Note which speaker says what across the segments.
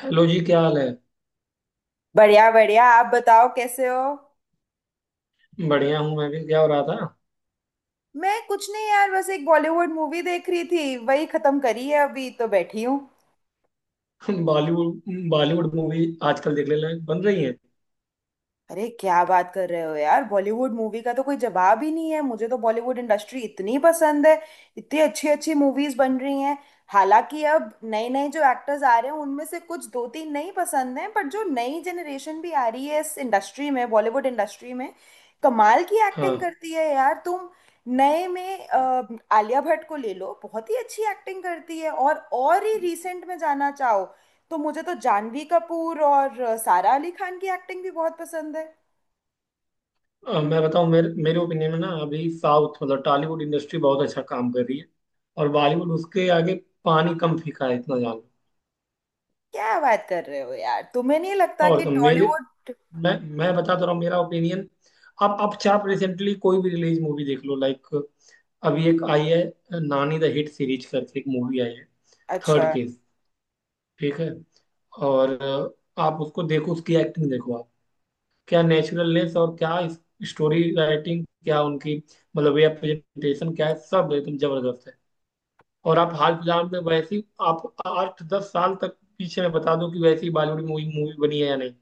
Speaker 1: Hello जी। क्या हाल है।
Speaker 2: बढ़िया बढ़िया, आप बताओ कैसे हो।
Speaker 1: बढ़िया हूँ मैं भी। क्या हो रहा था।
Speaker 2: मैं कुछ नहीं यार, बस एक बॉलीवुड मूवी देख रही थी, वही खत्म करी है, अभी तो बैठी हूँ।
Speaker 1: बॉलीवुड बॉलीवुड मूवी। आजकल देखने लायक बन रही है।
Speaker 2: अरे क्या बात कर रहे हो यार, बॉलीवुड मूवी का तो कोई जवाब ही नहीं है। मुझे तो बॉलीवुड इंडस्ट्री इतनी पसंद है। इतनी अच्छी अच्छी मूवीज बन रही हैं। हालांकि अब नए नए जो एक्टर्स आ रहे हैं उनमें से कुछ दो तीन नहीं पसंद हैं, बट जो नई जनरेशन भी आ रही है इस इंडस्ट्री में, बॉलीवुड इंडस्ट्री में, कमाल की एक्टिंग
Speaker 1: हाँ।
Speaker 2: करती है यार तुम। नए में आलिया भट्ट को ले लो, बहुत ही अच्छी एक्टिंग करती है। और ही रिसेंट में जाना चाहो तो मुझे तो जानवी कपूर और सारा अली खान की एक्टिंग भी बहुत पसंद है।
Speaker 1: मैं बताऊँ, मेरे मेरे ओपिनियन में ना, अभी साउथ मतलब टॉलीवुड इंडस्ट्री बहुत अच्छा काम कर रही है, और बॉलीवुड उसके आगे पानी कम फीका है, इतना जान लो।
Speaker 2: क्या बात कर रहे हो यार, तुम्हें नहीं लगता
Speaker 1: और
Speaker 2: कि
Speaker 1: कम मेरे,
Speaker 2: टॉलीवुड।
Speaker 1: मैं मैं बता तो रहा हूँ मेरा ओपिनियन। आप चाहे आप रिसेंटली कोई भी रिलीज मूवी देख लो। लाइक अभी एक आई है, नानी द हिट सीरीज करके एक मूवी आई है,
Speaker 2: अच्छा।
Speaker 1: थर्ड केस, ठीक है। और आप उसको देखो, उसकी एक्टिंग देखो आप। क्या नेचुरलनेस और क्या स्टोरी राइटिंग, क्या उनकी मतलब वे ऑफ प्रेजेंटेशन, क्या है, सब एकदम जबरदस्त है। और आप हाल फिलहाल में वैसी, आप 8 10 साल तक पीछे में बता दो कि वैसी बॉलीवुड मूवी मूवी बनी है या नहीं।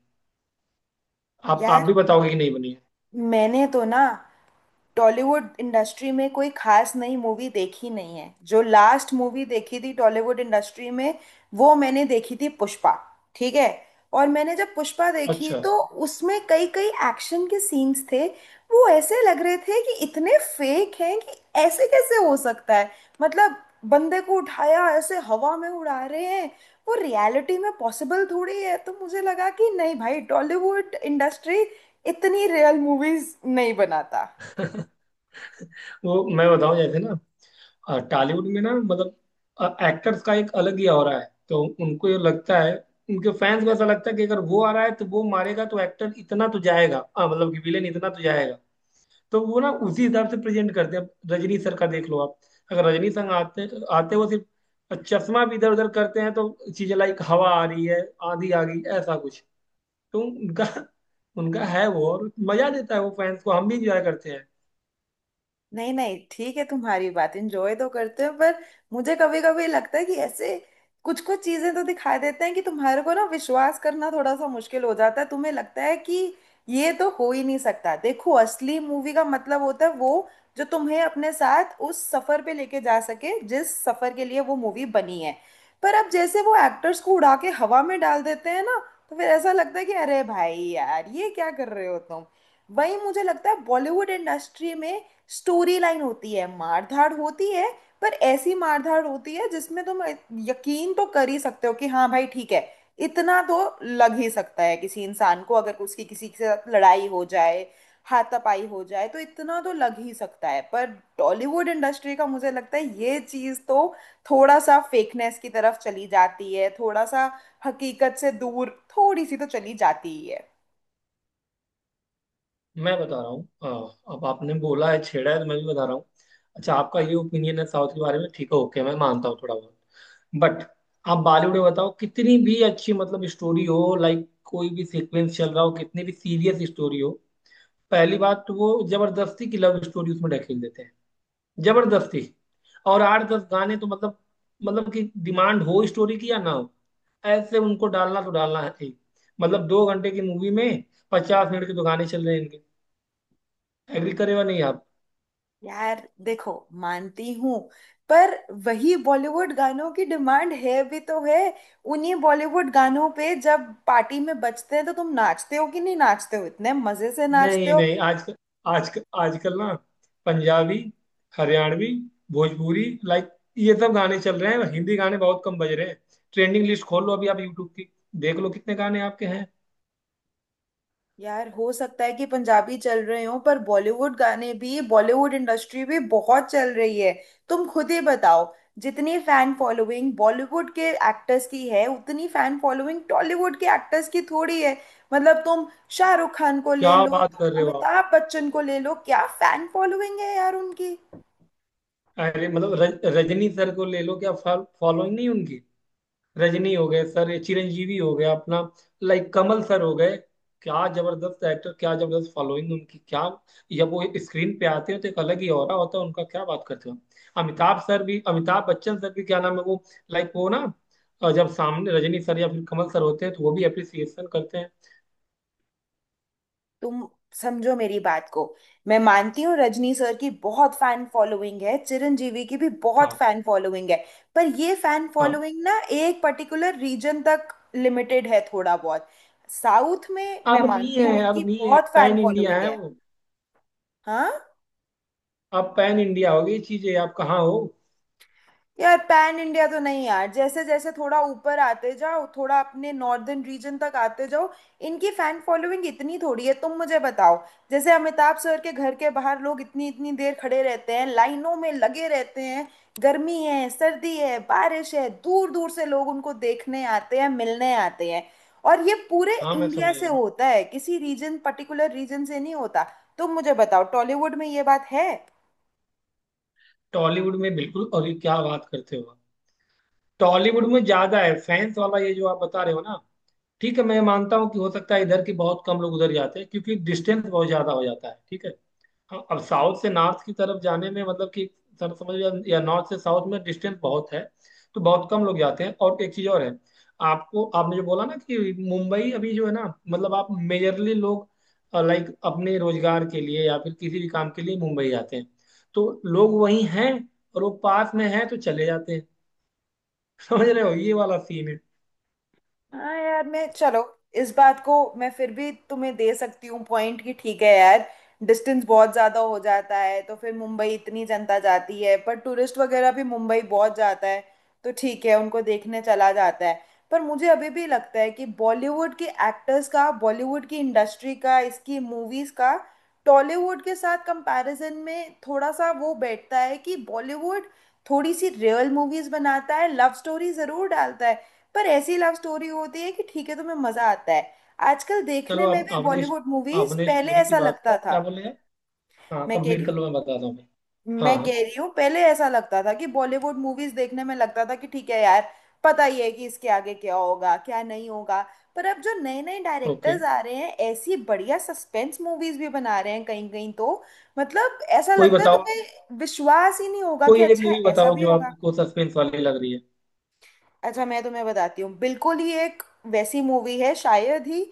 Speaker 1: आप
Speaker 2: यार
Speaker 1: आप भी बताओगे कि नहीं बनी है।
Speaker 2: मैंने तो ना टॉलीवुड इंडस्ट्री में कोई खास नई मूवी देखी नहीं है। जो लास्ट मूवी देखी थी टॉलीवुड इंडस्ट्री में, वो मैंने देखी थी पुष्पा। ठीक है। और मैंने जब पुष्पा देखी
Speaker 1: अच्छा।
Speaker 2: तो उसमें कई कई एक्शन के सीन्स थे, वो ऐसे लग रहे थे कि इतने फेक हैं कि ऐसे कैसे हो सकता है। मतलब बंदे को उठाया, ऐसे हवा में उड़ा रहे हैं। वो रियलिटी में पॉसिबल थोड़ी है, तो मुझे लगा कि नहीं भाई, टॉलीवुड इंडस्ट्री इतनी रियल मूवीज नहीं बनाता।
Speaker 1: वो मैं बताऊं, जैसे ना टॉलीवुड में ना, मतलब एक्टर्स का एक अलग ही हो रहा है, तो उनको ये लगता है, उनके फैंस को ऐसा लगता है कि अगर वो आ रहा है तो वो मारेगा, तो एक्टर इतना तो जाएगा, मतलब कि विलेन इतना तो जाएगा। तो वो ना उसी हिसाब से प्रेजेंट करते हैं। रजनी सर का देख लो आप। अगर रजनी सर आते आते वो सिर्फ चश्मा भी इधर उधर करते हैं, तो चीजें लाइक हवा आ रही है, आंधी आ गई, ऐसा कुछ। तो उनका उनका है वो, और मजा देता है वो फैंस को, हम भी इंजॉय करते हैं।
Speaker 2: नहीं नहीं, ठीक है, तुम्हारी बात एंजॉय तो करते हो, पर मुझे कभी कभी लगता है कि ऐसे कुछ कुछ चीजें तो दिखा देते हैं कि तुम्हारे को ना विश्वास करना थोड़ा सा मुश्किल हो जाता है। तुम्हें लगता है कि ये तो हो ही नहीं सकता। देखो असली मूवी का मतलब होता है वो जो तुम्हें अपने साथ उस सफर पे लेके जा सके जिस सफर के लिए वो मूवी बनी है। पर अब जैसे वो एक्टर्स को उड़ा के हवा में डाल देते हैं ना, तो फिर ऐसा लगता है कि अरे भाई यार, ये क्या कर रहे हो तुम। वही मुझे लगता है बॉलीवुड इंडस्ट्री में स्टोरी लाइन होती है, मारधाड़ होती है, पर ऐसी मारधाड़ होती है जिसमें तुम यकीन तो कर ही सकते हो कि हाँ भाई ठीक है, इतना तो लग ही सकता है किसी इंसान को। अगर उसकी किसी के साथ लड़ाई हो जाए, हाथापाई हो जाए तो इतना तो लग ही सकता है। पर टॉलीवुड इंडस्ट्री का मुझे लगता है ये चीज़ तो थोड़ा सा फेकनेस की तरफ चली जाती है, थोड़ा सा हकीकत से दूर थोड़ी सी तो चली जाती ही है।
Speaker 1: मैं बता रहा हूँ हाँ, अब आपने बोला है, छेड़ा है, तो मैं भी बता रहा हूँ। अच्छा, आपका ये ओपिनियन है साउथ के बारे में, ठीक है ओके, मैं मानता हूँ थोड़ा बहुत। बट आप बॉलीवुड में बताओ, कितनी भी अच्छी मतलब स्टोरी हो, लाइक कोई भी सीक्वेंस चल रहा हो, कितनी भी सीरियस स्टोरी हो, पहली बात तो वो जबरदस्ती की लव स्टोरी उसमें ढकेल देते हैं। जबरदस्ती। और 8 10 गाने तो मतलब, मतलब कि डिमांड हो स्टोरी की या ना हो, ऐसे उनको डालना तो डालना है ही। मतलब 2 घंटे की मूवी में 50 मिनट के तो गाने चल रहे हैं इनके। एग्री करेगा नहीं आप।
Speaker 2: यार देखो, मानती हूँ, पर वही बॉलीवुड गानों की डिमांड है भी तो है। उन्हीं बॉलीवुड गानों पे जब पार्टी में बजते हैं तो तुम नाचते हो कि नहीं नाचते हो, इतने मजे से नाचते
Speaker 1: नहीं
Speaker 2: हो।
Speaker 1: नहीं आजकल आजकल आजकल ना पंजाबी, हरियाणवी, भोजपुरी, लाइक ये सब गाने चल रहे हैं। हिंदी गाने बहुत कम बज रहे हैं। ट्रेंडिंग लिस्ट खोल लो अभी आप यूट्यूब की, देख लो कितने गाने आपके हैं।
Speaker 2: यार हो सकता है कि पंजाबी चल रहे हो, पर बॉलीवुड गाने भी, बॉलीवुड इंडस्ट्री भी बहुत चल रही है। तुम खुद ही बताओ, जितनी फैन फॉलोइंग बॉलीवुड के एक्टर्स की है उतनी फैन फॉलोइंग टॉलीवुड के एक्टर्स की थोड़ी है। मतलब तुम शाहरुख खान को
Speaker 1: क्या
Speaker 2: ले लो,
Speaker 1: बात कर रहे
Speaker 2: तुम
Speaker 1: हो।
Speaker 2: अमिताभ बच्चन को ले लो, क्या फैन फॉलोइंग है यार उनकी।
Speaker 1: अरे मतलब रजनी सर को ले लो, क्या फॉलोइंग नहीं उनकी। रजनी हो गए, सर चिरंजीवी हो गया अपना, लाइक कमल सर हो गए। क्या जबरदस्त एक्टर, क्या जबरदस्त फॉलोइंग उनकी। क्या जब वो स्क्रीन पे आते हैं, तो एक अलग ही ऑरा होता है उनका। क्या बात करते हो। अमिताभ सर भी, अमिताभ बच्चन सर भी, क्या नाम है वो, लाइक वो ना, जब सामने रजनी सर या फिर कमल सर होते हैं तो वो भी अप्रिसिएशन करते हैं।
Speaker 2: तुम समझो मेरी बात को। मैं मानती हूँ रजनी सर की बहुत फैन फॉलोइंग है, चिरंजीवी की भी बहुत
Speaker 1: हाँ
Speaker 2: फैन फॉलोइंग है, पर ये फैन
Speaker 1: हाँ।
Speaker 2: फॉलोइंग ना एक पर्टिकुलर रीजन तक लिमिटेड है थोड़ा बहुत। साउथ में मैं
Speaker 1: अब नहीं
Speaker 2: मानती हूँ
Speaker 1: है,
Speaker 2: इनकी
Speaker 1: अब नहीं है,
Speaker 2: बहुत
Speaker 1: अब
Speaker 2: फैन
Speaker 1: पैन इंडिया
Speaker 2: फॉलोइंग
Speaker 1: है
Speaker 2: है।
Speaker 1: वो।
Speaker 2: हाँ।
Speaker 1: अब पैन इंडिया हो गई चीजें, आप कहाँ हो।
Speaker 2: यार पैन इंडिया तो नहीं यार, जैसे जैसे थोड़ा ऊपर आते जाओ, थोड़ा अपने नॉर्दर्न रीजन तक आते जाओ, इनकी फैन फॉलोइंग इतनी थोड़ी है। तुम मुझे बताओ, जैसे अमिताभ सर के घर के बाहर लोग इतनी इतनी देर खड़े रहते हैं, लाइनों में लगे रहते हैं, गर्मी है सर्दी है बारिश है, दूर दूर से लोग उनको देखने आते हैं, मिलने आते हैं। और ये पूरे
Speaker 1: हाँ मैं
Speaker 2: इंडिया
Speaker 1: समझ
Speaker 2: से
Speaker 1: गया।
Speaker 2: होता है, किसी रीजन पर्टिकुलर रीजन से नहीं होता। तुम मुझे बताओ, टॉलीवुड में ये बात है।
Speaker 1: टॉलीवुड में बिल्कुल, और ये क्या बात करते हो आप। टॉलीवुड में ज्यादा है फैंस वाला, ये जो आप बता रहे हो ना। ठीक है, मैं मानता हूँ कि हो सकता है इधर के बहुत कम लोग उधर जाते हैं, क्योंकि डिस्टेंस बहुत ज्यादा हो जाता है, ठीक है। हाँ, अब साउथ से नॉर्थ की तरफ जाने में, मतलब कि सर समझ लो, या नॉर्थ से साउथ में डिस्टेंस बहुत है, तो बहुत कम लोग जाते हैं। और एक चीज और है, आपको आपने जो बोला ना कि मुंबई अभी जो है ना, मतलब आप मेजरली लोग लाइक अपने रोजगार के लिए या फिर किसी भी काम के लिए मुंबई जाते हैं, तो लोग वहीं हैं, और वो पास में हैं तो चले जाते हैं। समझ रहे हो, ये वाला सीन है।
Speaker 2: हाँ। यार मैं, चलो, इस बात को मैं फिर भी तुम्हें दे सकती हूँ पॉइंट कि ठीक है यार, डिस्टेंस बहुत ज़्यादा हो जाता है, तो फिर मुंबई इतनी जनता जाती है। पर टूरिस्ट वगैरह भी मुंबई बहुत जाता है, तो ठीक है, उनको देखने चला जाता है। पर मुझे अभी भी लगता है कि बॉलीवुड के एक्टर्स का, बॉलीवुड की इंडस्ट्री का, इसकी मूवीज़ का टॉलीवुड के साथ कंपैरिजन में थोड़ा सा वो बैठता है कि बॉलीवुड थोड़ी सी रियल मूवीज़ बनाता है। लव स्टोरी ज़रूर डालता है, पर ऐसी लव स्टोरी होती है कि ठीक है, तुम्हें मजा आता है। आजकल देखने
Speaker 1: चलो
Speaker 2: में
Speaker 1: आप,
Speaker 2: भी
Speaker 1: आपने
Speaker 2: बॉलीवुड मूवीज,
Speaker 1: आपने
Speaker 2: पहले
Speaker 1: स्टोरी की
Speaker 2: ऐसा
Speaker 1: बात की,
Speaker 2: लगता था।
Speaker 1: क्या बोले हैं। हाँ
Speaker 2: मैं कह रही
Speaker 1: कंप्लीट कर
Speaker 2: हूँ।
Speaker 1: लो, मैं बताता हूँ। हाँ हाँ।
Speaker 2: पहले ऐसा लगता था कि बॉलीवुड मूवीज देखने में लगता था कि ठीक है यार, पता ही है कि इसके आगे क्या होगा क्या नहीं होगा। पर अब जो नए नए
Speaker 1: ओके।
Speaker 2: डायरेक्टर्स आ रहे हैं, ऐसी बढ़िया सस्पेंस मूवीज भी बना रहे हैं कहीं कहीं तो। मतलब ऐसा
Speaker 1: कोई
Speaker 2: लगता है
Speaker 1: बताओ,
Speaker 2: तुम्हें विश्वास ही नहीं होगा कि
Speaker 1: कोई एक
Speaker 2: अच्छा
Speaker 1: मूवी
Speaker 2: ऐसा
Speaker 1: बताओ
Speaker 2: भी
Speaker 1: जो
Speaker 2: होगा।
Speaker 1: आपको सस्पेंस वाली लग रही है।
Speaker 2: अच्छा मैं तुम्हें बताती हूँ, बिल्कुल ही एक वैसी मूवी है शायद ही,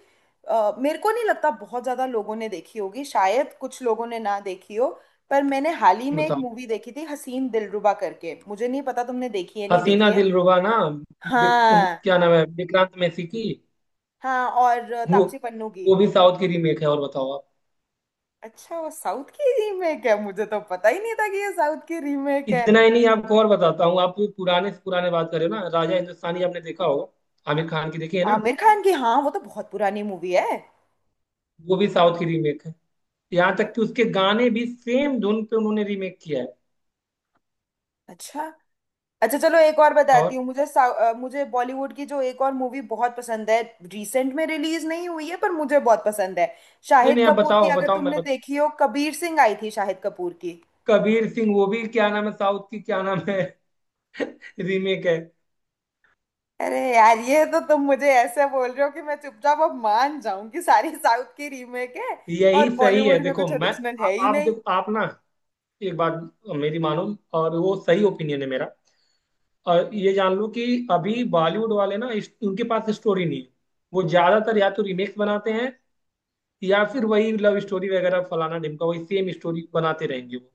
Speaker 2: मेरे को नहीं लगता बहुत ज्यादा लोगों ने देखी होगी, शायद कुछ लोगों ने ना देखी हो। पर मैंने हाल ही में एक
Speaker 1: बताओ।
Speaker 2: मूवी देखी थी हसीन दिलरुबा करके, मुझे नहीं पता तुमने देखी है नहीं देखी
Speaker 1: हसीना
Speaker 2: है।
Speaker 1: दिलरुबा ना।
Speaker 2: हाँ।
Speaker 1: क्या नाम है, विक्रांत मैसी की।
Speaker 2: हाँ, और
Speaker 1: वो
Speaker 2: तापसी पन्नू की।
Speaker 1: वो भी साउथ की रीमेक है, और बताओ आप।
Speaker 2: अच्छा, वो साउथ की रीमेक है, मुझे तो पता ही नहीं था कि ये साउथ की रीमेक है।
Speaker 1: इतना ही नहीं, आपको और बताता हूँ। आप पुराने से पुराने बात करें ना, राजा हिंदुस्तानी आपने देखा होगा, आमिर खान की, देखी है ना।
Speaker 2: आमिर खान की, हाँ, वो तो बहुत पुरानी मूवी है।
Speaker 1: वो भी साउथ की रीमेक है। यहाँ तक कि उसके गाने भी सेम धुन पे उन्होंने रीमेक किया है।
Speaker 2: अच्छा। अच्छा चलो एक और बताती
Speaker 1: और
Speaker 2: हूँ, मुझे मुझे बॉलीवुड की जो एक और मूवी बहुत पसंद है, रिसेंट में रिलीज नहीं हुई है पर मुझे बहुत पसंद है,
Speaker 1: नहीं
Speaker 2: शाहिद
Speaker 1: नहीं, आप
Speaker 2: कपूर की,
Speaker 1: बताओ
Speaker 2: अगर
Speaker 1: बताओ, मैं
Speaker 2: तुमने
Speaker 1: बताऊं।
Speaker 2: देखी हो, कबीर सिंह आई थी शाहिद कपूर की।
Speaker 1: कबीर सिंह, वो भी क्या नाम है साउथ की, क्या नाम है। रीमेक है।
Speaker 2: अरे यार, ये तो तुम मुझे ऐसे बोल रहे हो कि मैं चुपचाप अब मान जाऊं कि सारी साउथ की रीमेक है
Speaker 1: यही
Speaker 2: और
Speaker 1: सही है,
Speaker 2: बॉलीवुड में
Speaker 1: देखो
Speaker 2: कुछ
Speaker 1: मैं,
Speaker 2: ओरिजिनल है ही
Speaker 1: आप
Speaker 2: नहीं।
Speaker 1: देखो आप ना, एक बात मेरी मानो, और वो सही ओपिनियन है मेरा। और ये जान लो कि अभी बॉलीवुड वाले ना, उनके पास स्टोरी नहीं है। वो ज्यादातर या तो रीमेक्स बनाते हैं, या फिर वही लव स्टोरी वगैरह फलाना ढिमका वही सेम स्टोरी बनाते रहेंगे वो।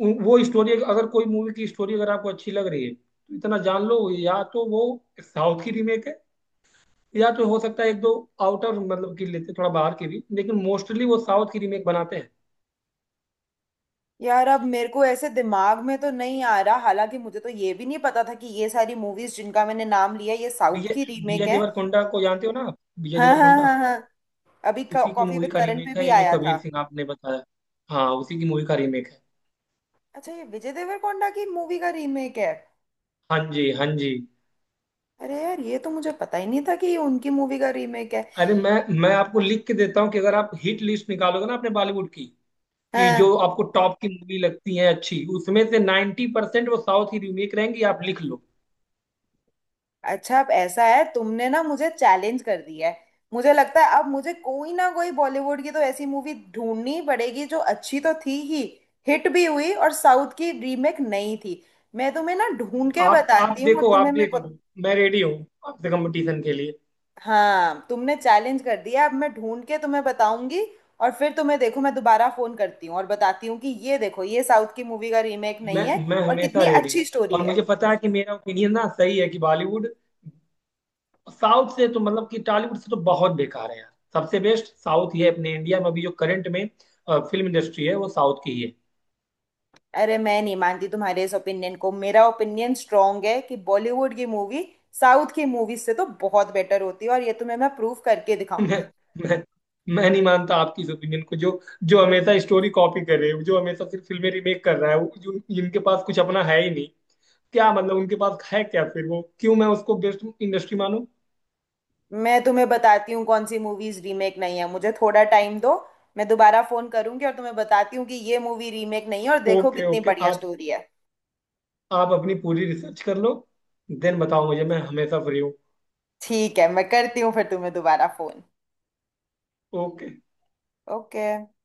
Speaker 1: वो स्टोरी, अगर कोई मूवी की स्टोरी अगर आपको अच्छी लग रही है, तो इतना जान लो या तो वो साउथ की रीमेक है, या तो हो सकता है एक दो आउटर, मतलब की लेते थोड़ा बाहर की भी, लेकिन मोस्टली वो साउथ की रीमेक बनाते हैं।
Speaker 2: यार अब मेरे को ऐसे दिमाग में तो नहीं आ रहा, हालांकि मुझे तो ये भी नहीं पता था कि ये सारी मूवीज जिनका मैंने नाम लिया ये साउथ
Speaker 1: विजय
Speaker 2: की रीमेक
Speaker 1: विजय
Speaker 2: है।
Speaker 1: देवरकोंडा को जानते हो ना आप? विजय
Speaker 2: हाँ हाँ हाँ
Speaker 1: देवरकोंडा,
Speaker 2: हाँ, अभी
Speaker 1: उसी की
Speaker 2: कॉफी
Speaker 1: मूवी
Speaker 2: विद
Speaker 1: का
Speaker 2: करण पे
Speaker 1: रीमेक है
Speaker 2: भी
Speaker 1: ये जो
Speaker 2: आया था।
Speaker 1: कबीर सिंह आपने बताया। हाँ उसी की मूवी का रीमेक है।
Speaker 2: अच्छा, ये विजय देवरकोंडा की मूवी का रीमेक है।
Speaker 1: हाँ जी हाँ जी।
Speaker 2: अरे यार, ये तो मुझे पता ही नहीं था कि ये उनकी मूवी का रीमेक है।
Speaker 1: अरे मैं आपको लिख के देता हूँ कि अगर आप हिट लिस्ट निकालोगे ना अपने बॉलीवुड की, कि
Speaker 2: हाँ।
Speaker 1: जो आपको टॉप की मूवी लगती है अच्छी, उसमें से 90% वो साउथ की रीमेक रहेंगी, आप लिख लो।
Speaker 2: अच्छा अब ऐसा है, तुमने ना मुझे चैलेंज कर दिया है। मुझे लगता है अब मुझे कोई ना कोई बॉलीवुड की तो ऐसी मूवी ढूंढनी ही पड़ेगी जो अच्छी तो थी ही, हिट भी हुई और साउथ की रीमेक नहीं थी। मैं तुम्हें ना ढूंढ के
Speaker 1: आप
Speaker 2: बताती हूँ और
Speaker 1: देखो,
Speaker 2: तुम्हें
Speaker 1: आप
Speaker 2: मैं,
Speaker 1: देख लो, मैं रेडी हूँ आपसे कंपटीशन के लिए।
Speaker 2: हाँ तुमने चैलेंज कर दिया, अब मैं ढूंढ के तुम्हें बताऊंगी। और फिर तुम्हें देखो, मैं दोबारा फोन करती हूँ और बताती हूँ कि ये देखो, ये साउथ की मूवी का रीमेक
Speaker 1: मैं
Speaker 2: नहीं है
Speaker 1: मैं
Speaker 2: और
Speaker 1: हमेशा
Speaker 2: कितनी
Speaker 1: रेडी हूँ।
Speaker 2: अच्छी स्टोरी
Speaker 1: और
Speaker 2: है।
Speaker 1: मुझे पता है कि मेरा ओपिनियन ना सही है कि बॉलीवुड साउथ से तो, मतलब कि टॉलीवुड से तो बहुत बेकार है यार। सबसे बेस्ट साउथ ही है अपने इंडिया में अभी जो करंट में फिल्म इंडस्ट्री है, वो साउथ की ही है।
Speaker 2: अरे मैं नहीं मानती तुम्हारे इस ओपिनियन को, मेरा ओपिनियन स्ट्रांग है कि बॉलीवुड की मूवी साउथ की मूवी से तो बहुत बेटर होती है और ये तुम्हें मैं प्रूव करके
Speaker 1: मैं,
Speaker 2: दिखाऊंगी।
Speaker 1: मैं, मैं नहीं मानता आपकी इस ओपिनियन को, जो जो हमेशा स्टोरी कॉपी कर रहे हो, जो हमेशा सिर्फ फिल्में रिमेक कर रहा है वो, जो जिनके पास कुछ अपना है ही नहीं, क्या मतलब उनके पास है क्या, फिर वो क्यों मैं उसको बेस्ट इंडस्ट्री मानूं।
Speaker 2: मैं तुम्हें बताती हूँ कौन सी मूवीज रीमेक नहीं है, मुझे थोड़ा टाइम दो। मैं दोबारा फोन करूंगी और तुम्हें बताती हूँ कि ये मूवी रीमेक नहीं है और देखो
Speaker 1: ओके
Speaker 2: कितनी
Speaker 1: ओके,
Speaker 2: बढ़िया
Speaker 1: आप
Speaker 2: स्टोरी है।
Speaker 1: आप अपनी पूरी रिसर्च कर लो, देन बताओ मुझे, मैं हमेशा फ्री हूँ।
Speaker 2: ठीक है, मैं करती हूँ फिर तुम्हें दोबारा फोन।
Speaker 1: ओके।
Speaker 2: ओके।